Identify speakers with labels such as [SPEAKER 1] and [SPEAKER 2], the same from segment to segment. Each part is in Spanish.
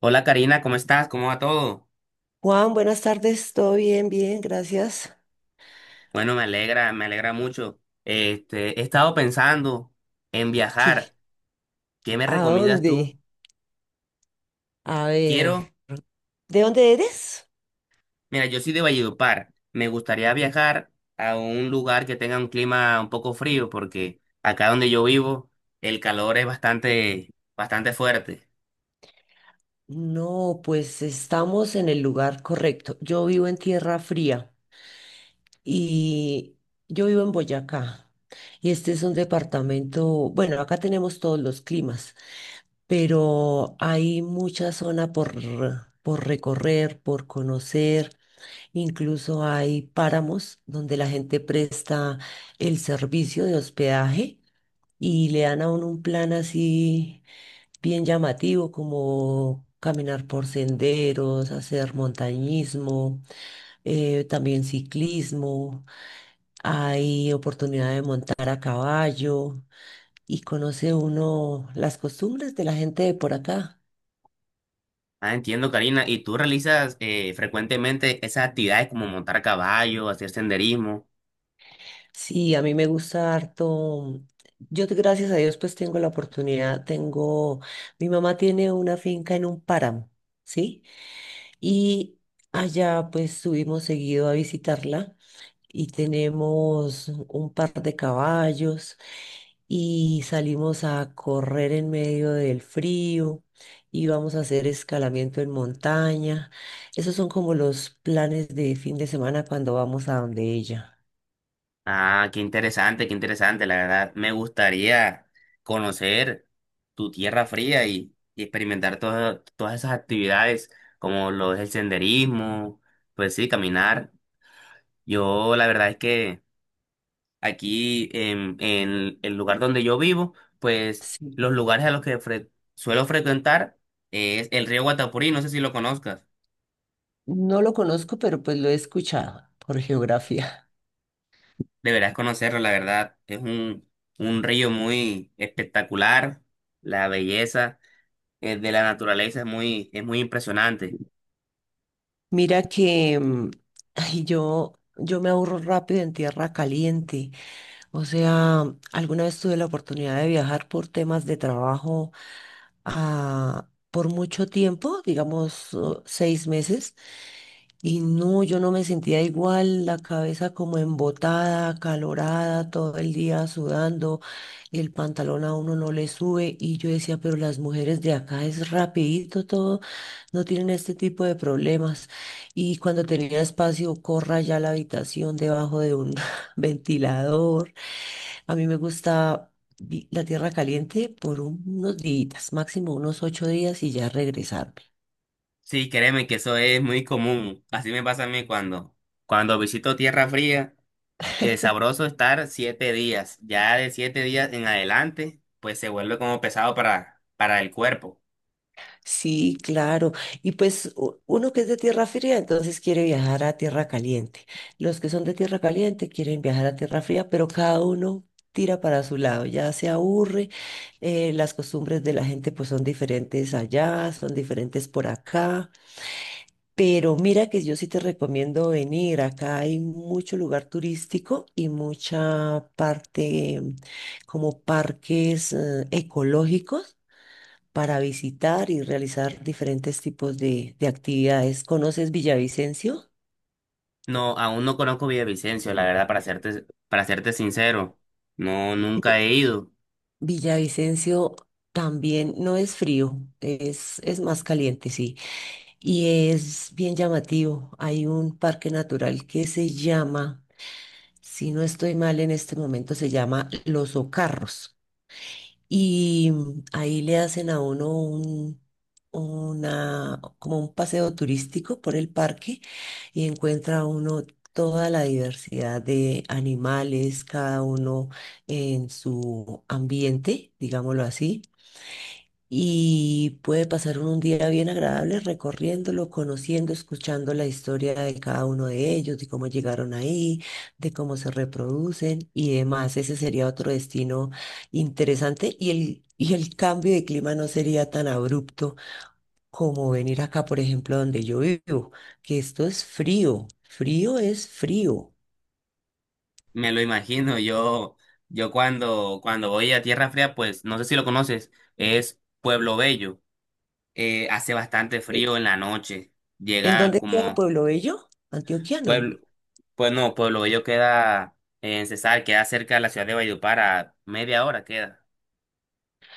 [SPEAKER 1] Hola, Karina, ¿cómo estás? ¿Cómo va todo?
[SPEAKER 2] Juan, buenas tardes, todo bien, gracias.
[SPEAKER 1] Bueno, me alegra mucho. He estado pensando en
[SPEAKER 2] ¿Qué?
[SPEAKER 1] viajar. ¿Qué me
[SPEAKER 2] ¿A
[SPEAKER 1] recomiendas
[SPEAKER 2] dónde?
[SPEAKER 1] tú?
[SPEAKER 2] A ver,
[SPEAKER 1] Quiero,
[SPEAKER 2] ¿de dónde eres?
[SPEAKER 1] mira, yo soy de Valledupar. Me gustaría viajar a un lugar que tenga un clima un poco frío, porque acá donde yo vivo, el calor es bastante, bastante fuerte.
[SPEAKER 2] No, pues estamos en el lugar correcto. Yo vivo en Tierra Fría y yo vivo en Boyacá. Y este es un departamento, bueno, acá tenemos todos los climas, pero hay mucha zona por recorrer, por conocer. Incluso hay páramos donde la gente presta el servicio de hospedaje y le dan a uno un plan así bien llamativo, como caminar por senderos, hacer montañismo, también ciclismo, hay oportunidad de montar a caballo y conoce uno las costumbres de la gente de por acá.
[SPEAKER 1] Ah, entiendo, Karina. ¿Y tú realizas frecuentemente esas actividades como montar caballo, hacer senderismo?
[SPEAKER 2] Sí, a mí me gusta harto. Yo, gracias a Dios, pues tengo la oportunidad, tengo, mi mamá tiene una finca en un páramo, ¿sí? Y allá pues subimos seguido a visitarla y tenemos un par de caballos y salimos a correr en medio del frío y vamos a hacer escalamiento en montaña. Esos son como los planes de fin de semana cuando vamos a donde ella.
[SPEAKER 1] Ah, qué interesante, la verdad. Me gustaría conocer tu tierra fría y experimentar todas esas actividades, como lo es el senderismo, pues sí, caminar. Yo la verdad es que en el lugar donde yo vivo, pues
[SPEAKER 2] Sí.
[SPEAKER 1] los lugares a los que suelo frecuentar es el río Guatapurí, no sé si lo conozcas.
[SPEAKER 2] No lo conozco, pero pues lo he escuchado por geografía.
[SPEAKER 1] Deberás conocerlo, la verdad. Es un río muy espectacular, la belleza de la naturaleza es muy impresionante.
[SPEAKER 2] Mira que ay, yo me aburro rápido en tierra caliente. O sea, alguna vez tuve la oportunidad de viajar por temas de trabajo por mucho tiempo, digamos seis meses. Y no, yo no me sentía igual, la cabeza como embotada, acalorada, todo el día sudando, el pantalón a uno no le sube y yo decía, pero las mujeres de acá es rapidito todo, no tienen este tipo de problemas. Y cuando tenía espacio, corra ya a la habitación debajo de un ventilador. A mí me gusta la tierra caliente por unos días, máximo unos ocho días y ya regresar.
[SPEAKER 1] Sí, créeme que eso es muy común. Así me pasa a mí cuando visito tierra fría, es sabroso estar 7 días. Ya de 7 días en adelante, pues se vuelve como pesado para el cuerpo.
[SPEAKER 2] Sí, claro. Y pues uno que es de tierra fría, entonces quiere viajar a tierra caliente. Los que son de tierra caliente quieren viajar a tierra fría, pero cada uno tira para su lado, ya se aburre. Las costumbres de la gente pues son diferentes allá, son diferentes por acá. Pero mira que yo sí te recomiendo venir. Acá hay mucho lugar turístico y mucha parte como parques ecológicos para visitar y realizar diferentes tipos de actividades. ¿Conoces Villavicencio?
[SPEAKER 1] No, aún no conozco Villavicencio, la verdad, para serte sincero. No, nunca
[SPEAKER 2] Vi-
[SPEAKER 1] he ido.
[SPEAKER 2] Villavicencio también no es frío, es más caliente, sí, y es bien llamativo. Hay un parque natural que se llama, si no estoy mal en este momento, se llama Los Ocarros. Y ahí le hacen a uno un, una, como un paseo turístico por el parque y encuentra uno toda la diversidad de animales, cada uno en su ambiente, digámoslo así y puede pasar un día bien agradable recorriéndolo, conociendo, escuchando la historia de cada uno de ellos, de cómo llegaron ahí, de cómo se reproducen y demás. Ese sería otro destino interesante y el cambio de clima no sería tan abrupto como venir acá, por ejemplo, donde yo vivo, que esto es frío, frío es frío.
[SPEAKER 1] Me lo imagino. Yo, cuando voy a Tierra Fría, pues no sé si lo conoces, es Pueblo Bello. Hace bastante
[SPEAKER 2] Eh,
[SPEAKER 1] frío en la noche.
[SPEAKER 2] ¿En
[SPEAKER 1] Llega
[SPEAKER 2] dónde queda
[SPEAKER 1] como
[SPEAKER 2] Pueblo Bello? Antioquiano.
[SPEAKER 1] pueblo, pues no, Pueblo Bello queda en Cesar, queda cerca de la ciudad de Valledupar, a media hora queda.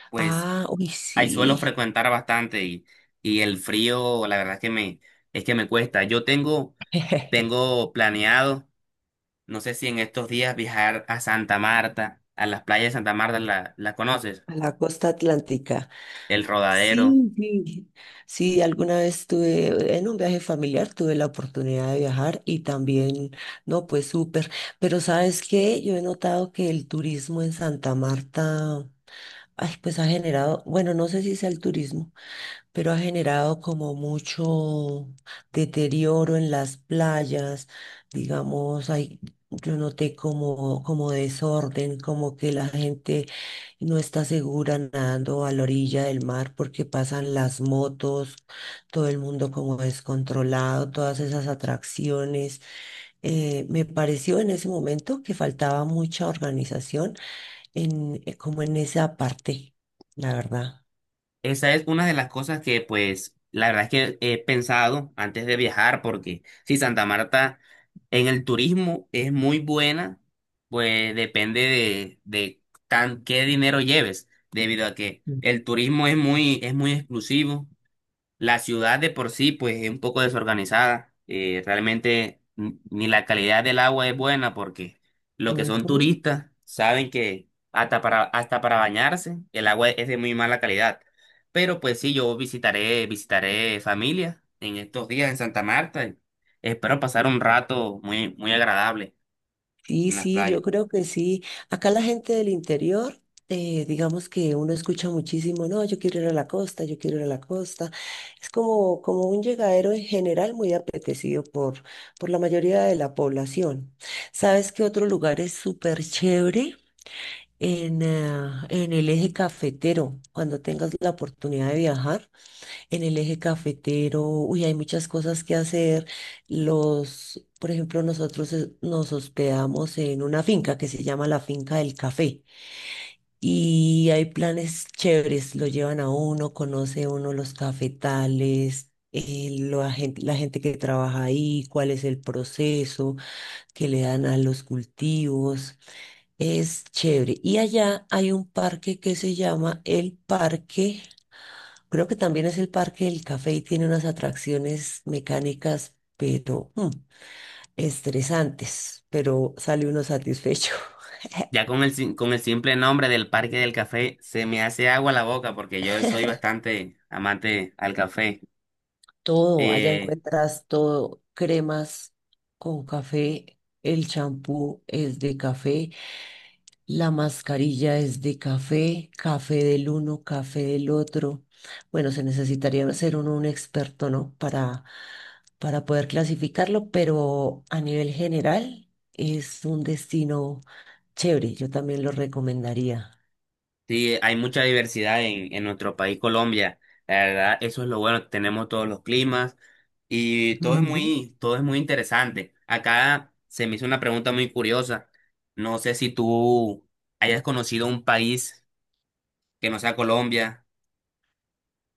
[SPEAKER 1] Pues
[SPEAKER 2] Ah, uy,
[SPEAKER 1] ahí suelo
[SPEAKER 2] sí.
[SPEAKER 1] frecuentar bastante y el frío, la verdad es es que me cuesta. Yo tengo, tengo planeado, no sé si en estos días viajar a Santa Marta, a las playas de Santa Marta, ¿la conoces?
[SPEAKER 2] A la costa atlántica.
[SPEAKER 1] El Rodadero.
[SPEAKER 2] Sí, sí, sí, alguna vez tuve, en un viaje familiar tuve la oportunidad de viajar y también, no, pues súper, pero ¿sabes qué? Yo he notado que el turismo en Santa Marta, ay, pues ha generado, bueno, no sé si sea el turismo, pero ha generado como mucho deterioro en las playas, digamos, hay, yo noté como, como desorden, como que la gente no está segura nadando a la orilla del mar porque pasan las motos, todo el mundo como descontrolado, todas esas atracciones. Me pareció en ese momento que faltaba mucha organización en, como en esa parte, la verdad.
[SPEAKER 1] Esa es una de las cosas que, pues, la verdad es que he pensado antes de viajar, porque si Santa Marta en el turismo es muy buena, pues depende de tan, qué dinero lleves, debido a que
[SPEAKER 2] Mm.
[SPEAKER 1] el turismo es muy exclusivo. La ciudad de por sí, pues, es un poco desorganizada. Realmente ni la calidad del agua es buena porque los que son
[SPEAKER 2] Ujú.
[SPEAKER 1] turistas saben que hasta para bañarse el agua es de muy mala calidad. Pero pues sí, yo visitaré, visitaré familia en estos días en Santa Marta y espero pasar un rato muy, muy agradable en las
[SPEAKER 2] Sí, yo
[SPEAKER 1] playas.
[SPEAKER 2] creo que sí. Acá la gente del interior, digamos que uno escucha muchísimo, no, yo quiero ir a la costa, yo quiero ir a la costa. Es como un llegadero en general muy apetecido por la mayoría de la población. ¿Sabes qué otro lugar es súper chévere? Ah, en el eje cafetero, cuando tengas la oportunidad de viajar en el eje cafetero, uy, hay muchas cosas que hacer. Los, por ejemplo, nosotros nos hospedamos en una finca que se llama la Finca del Café y hay planes chéveres, lo llevan a uno, conoce uno los cafetales. La gente, la gente que trabaja ahí, cuál es el proceso que le dan a los cultivos, es chévere. Y allá hay un parque que se llama el Parque. Creo que también es el Parque del Café y tiene unas atracciones mecánicas, pero estresantes, pero sale uno satisfecho.
[SPEAKER 1] Ya con con el simple nombre del Parque del Café se me hace agua la boca porque yo soy bastante amante al café.
[SPEAKER 2] Todo, allá
[SPEAKER 1] Eh,
[SPEAKER 2] encuentras todo, cremas con café, el champú es de café, la mascarilla es de café, café del uno, café del otro. Bueno, se necesitaría ser uno un experto, ¿no? Para poder clasificarlo, pero a nivel general es un destino chévere. Yo también lo recomendaría.
[SPEAKER 1] Sí, hay mucha diversidad en nuestro país, Colombia. La verdad, eso es lo bueno. Tenemos todos los climas y
[SPEAKER 2] Ujú.
[SPEAKER 1] todo es muy interesante. Acá se me hizo una pregunta muy curiosa. No sé si tú hayas conocido un país que no sea Colombia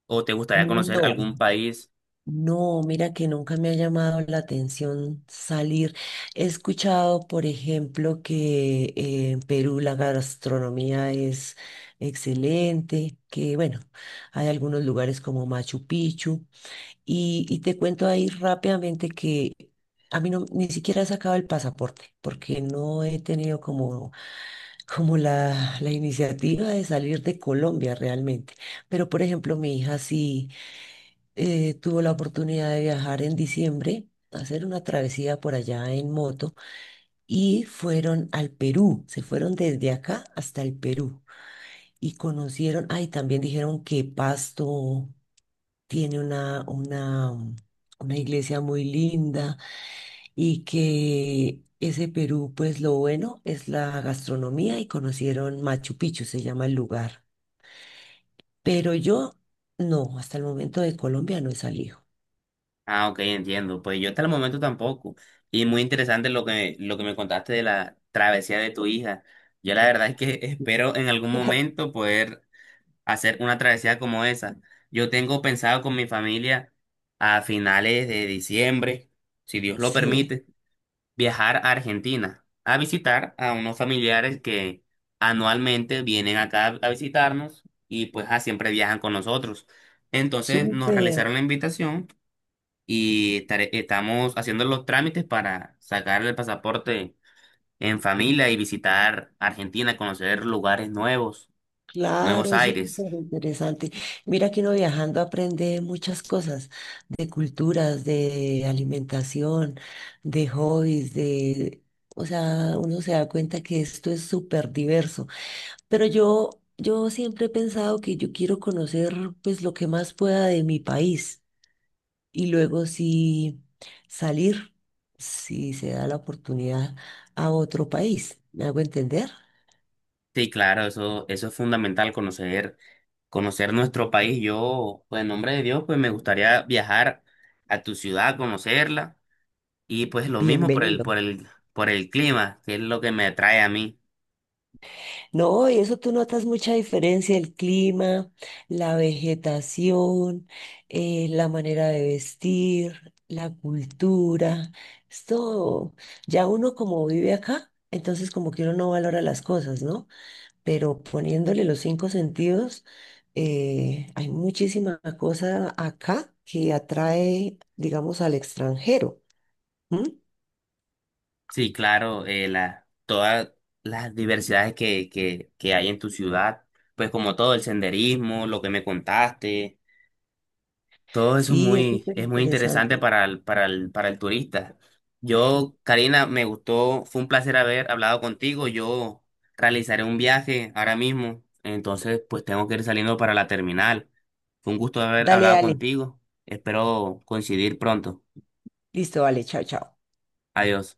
[SPEAKER 1] o te gustaría conocer
[SPEAKER 2] No.
[SPEAKER 1] algún país.
[SPEAKER 2] No, mira que nunca me ha llamado la atención salir. He escuchado, por ejemplo, que en Perú la gastronomía es excelente, que bueno, hay algunos lugares como Machu Picchu. Y te cuento ahí rápidamente que a mí no, ni siquiera he sacado el pasaporte, porque no he tenido como, como la iniciativa de salir de Colombia realmente. Pero, por ejemplo, mi hija sí tuve la oportunidad de viajar en diciembre, hacer una travesía por allá en moto y fueron al Perú, se fueron desde acá hasta el Perú y conocieron, ay, también dijeron que Pasto tiene una iglesia muy linda y que ese Perú, pues lo bueno es la gastronomía y conocieron Machu Picchu, se llama el lugar. Pero yo, no, hasta el momento de Colombia no he salido.
[SPEAKER 1] Ah, ok, entiendo. Pues yo hasta el momento tampoco. Y muy interesante lo que me contaste de la travesía de tu hija. Yo la verdad es que espero en algún momento poder hacer una travesía como esa. Yo tengo pensado con mi familia a finales de diciembre, si Dios lo
[SPEAKER 2] Sí,
[SPEAKER 1] permite, viajar a Argentina a visitar a unos familiares que anualmente vienen acá a visitarnos y pues siempre viajan con nosotros. Entonces nos
[SPEAKER 2] súper.
[SPEAKER 1] realizaron la invitación y estamos haciendo los trámites para sacar el pasaporte en familia y visitar Argentina, conocer lugares nuevos, nuevos
[SPEAKER 2] Claro, eso es
[SPEAKER 1] aires.
[SPEAKER 2] súper interesante. Mira que uno viajando aprende muchas cosas, de culturas, de alimentación, de hobbies, de, o sea, uno se da cuenta que esto es súper diverso. Pero yo siempre he pensado que yo quiero conocer pues lo que más pueda de mi país y luego sí salir, si se da la oportunidad, a otro país. ¿Me hago entender?
[SPEAKER 1] Sí, claro, eso es fundamental, conocer, conocer nuestro país. Yo, pues en nombre de Dios, pues me gustaría viajar a tu ciudad, conocerla, y pues lo mismo
[SPEAKER 2] Bienvenido.
[SPEAKER 1] por el clima, que es lo que me atrae a mí.
[SPEAKER 2] No, y eso tú notas mucha diferencia, el clima, la vegetación, la manera de vestir, la cultura, es todo. Ya uno como vive acá, entonces como que uno no valora las cosas, ¿no? Pero poniéndole los cinco sentidos, hay muchísima cosa acá que atrae, digamos, al extranjero. ¿M?
[SPEAKER 1] Sí, claro, todas las diversidades que hay en tu ciudad, pues como todo el senderismo, lo que me contaste. Todo eso
[SPEAKER 2] Sí, es súper
[SPEAKER 1] es muy interesante
[SPEAKER 2] interesante.
[SPEAKER 1] para el turista. Yo, Karina, me gustó, fue un placer haber hablado contigo. Yo realizaré un viaje ahora mismo, entonces pues tengo que ir saliendo para la terminal. Fue un gusto haber
[SPEAKER 2] Dale,
[SPEAKER 1] hablado
[SPEAKER 2] dale.
[SPEAKER 1] contigo. Espero coincidir pronto.
[SPEAKER 2] Listo, vale, chao, chao.
[SPEAKER 1] Adiós.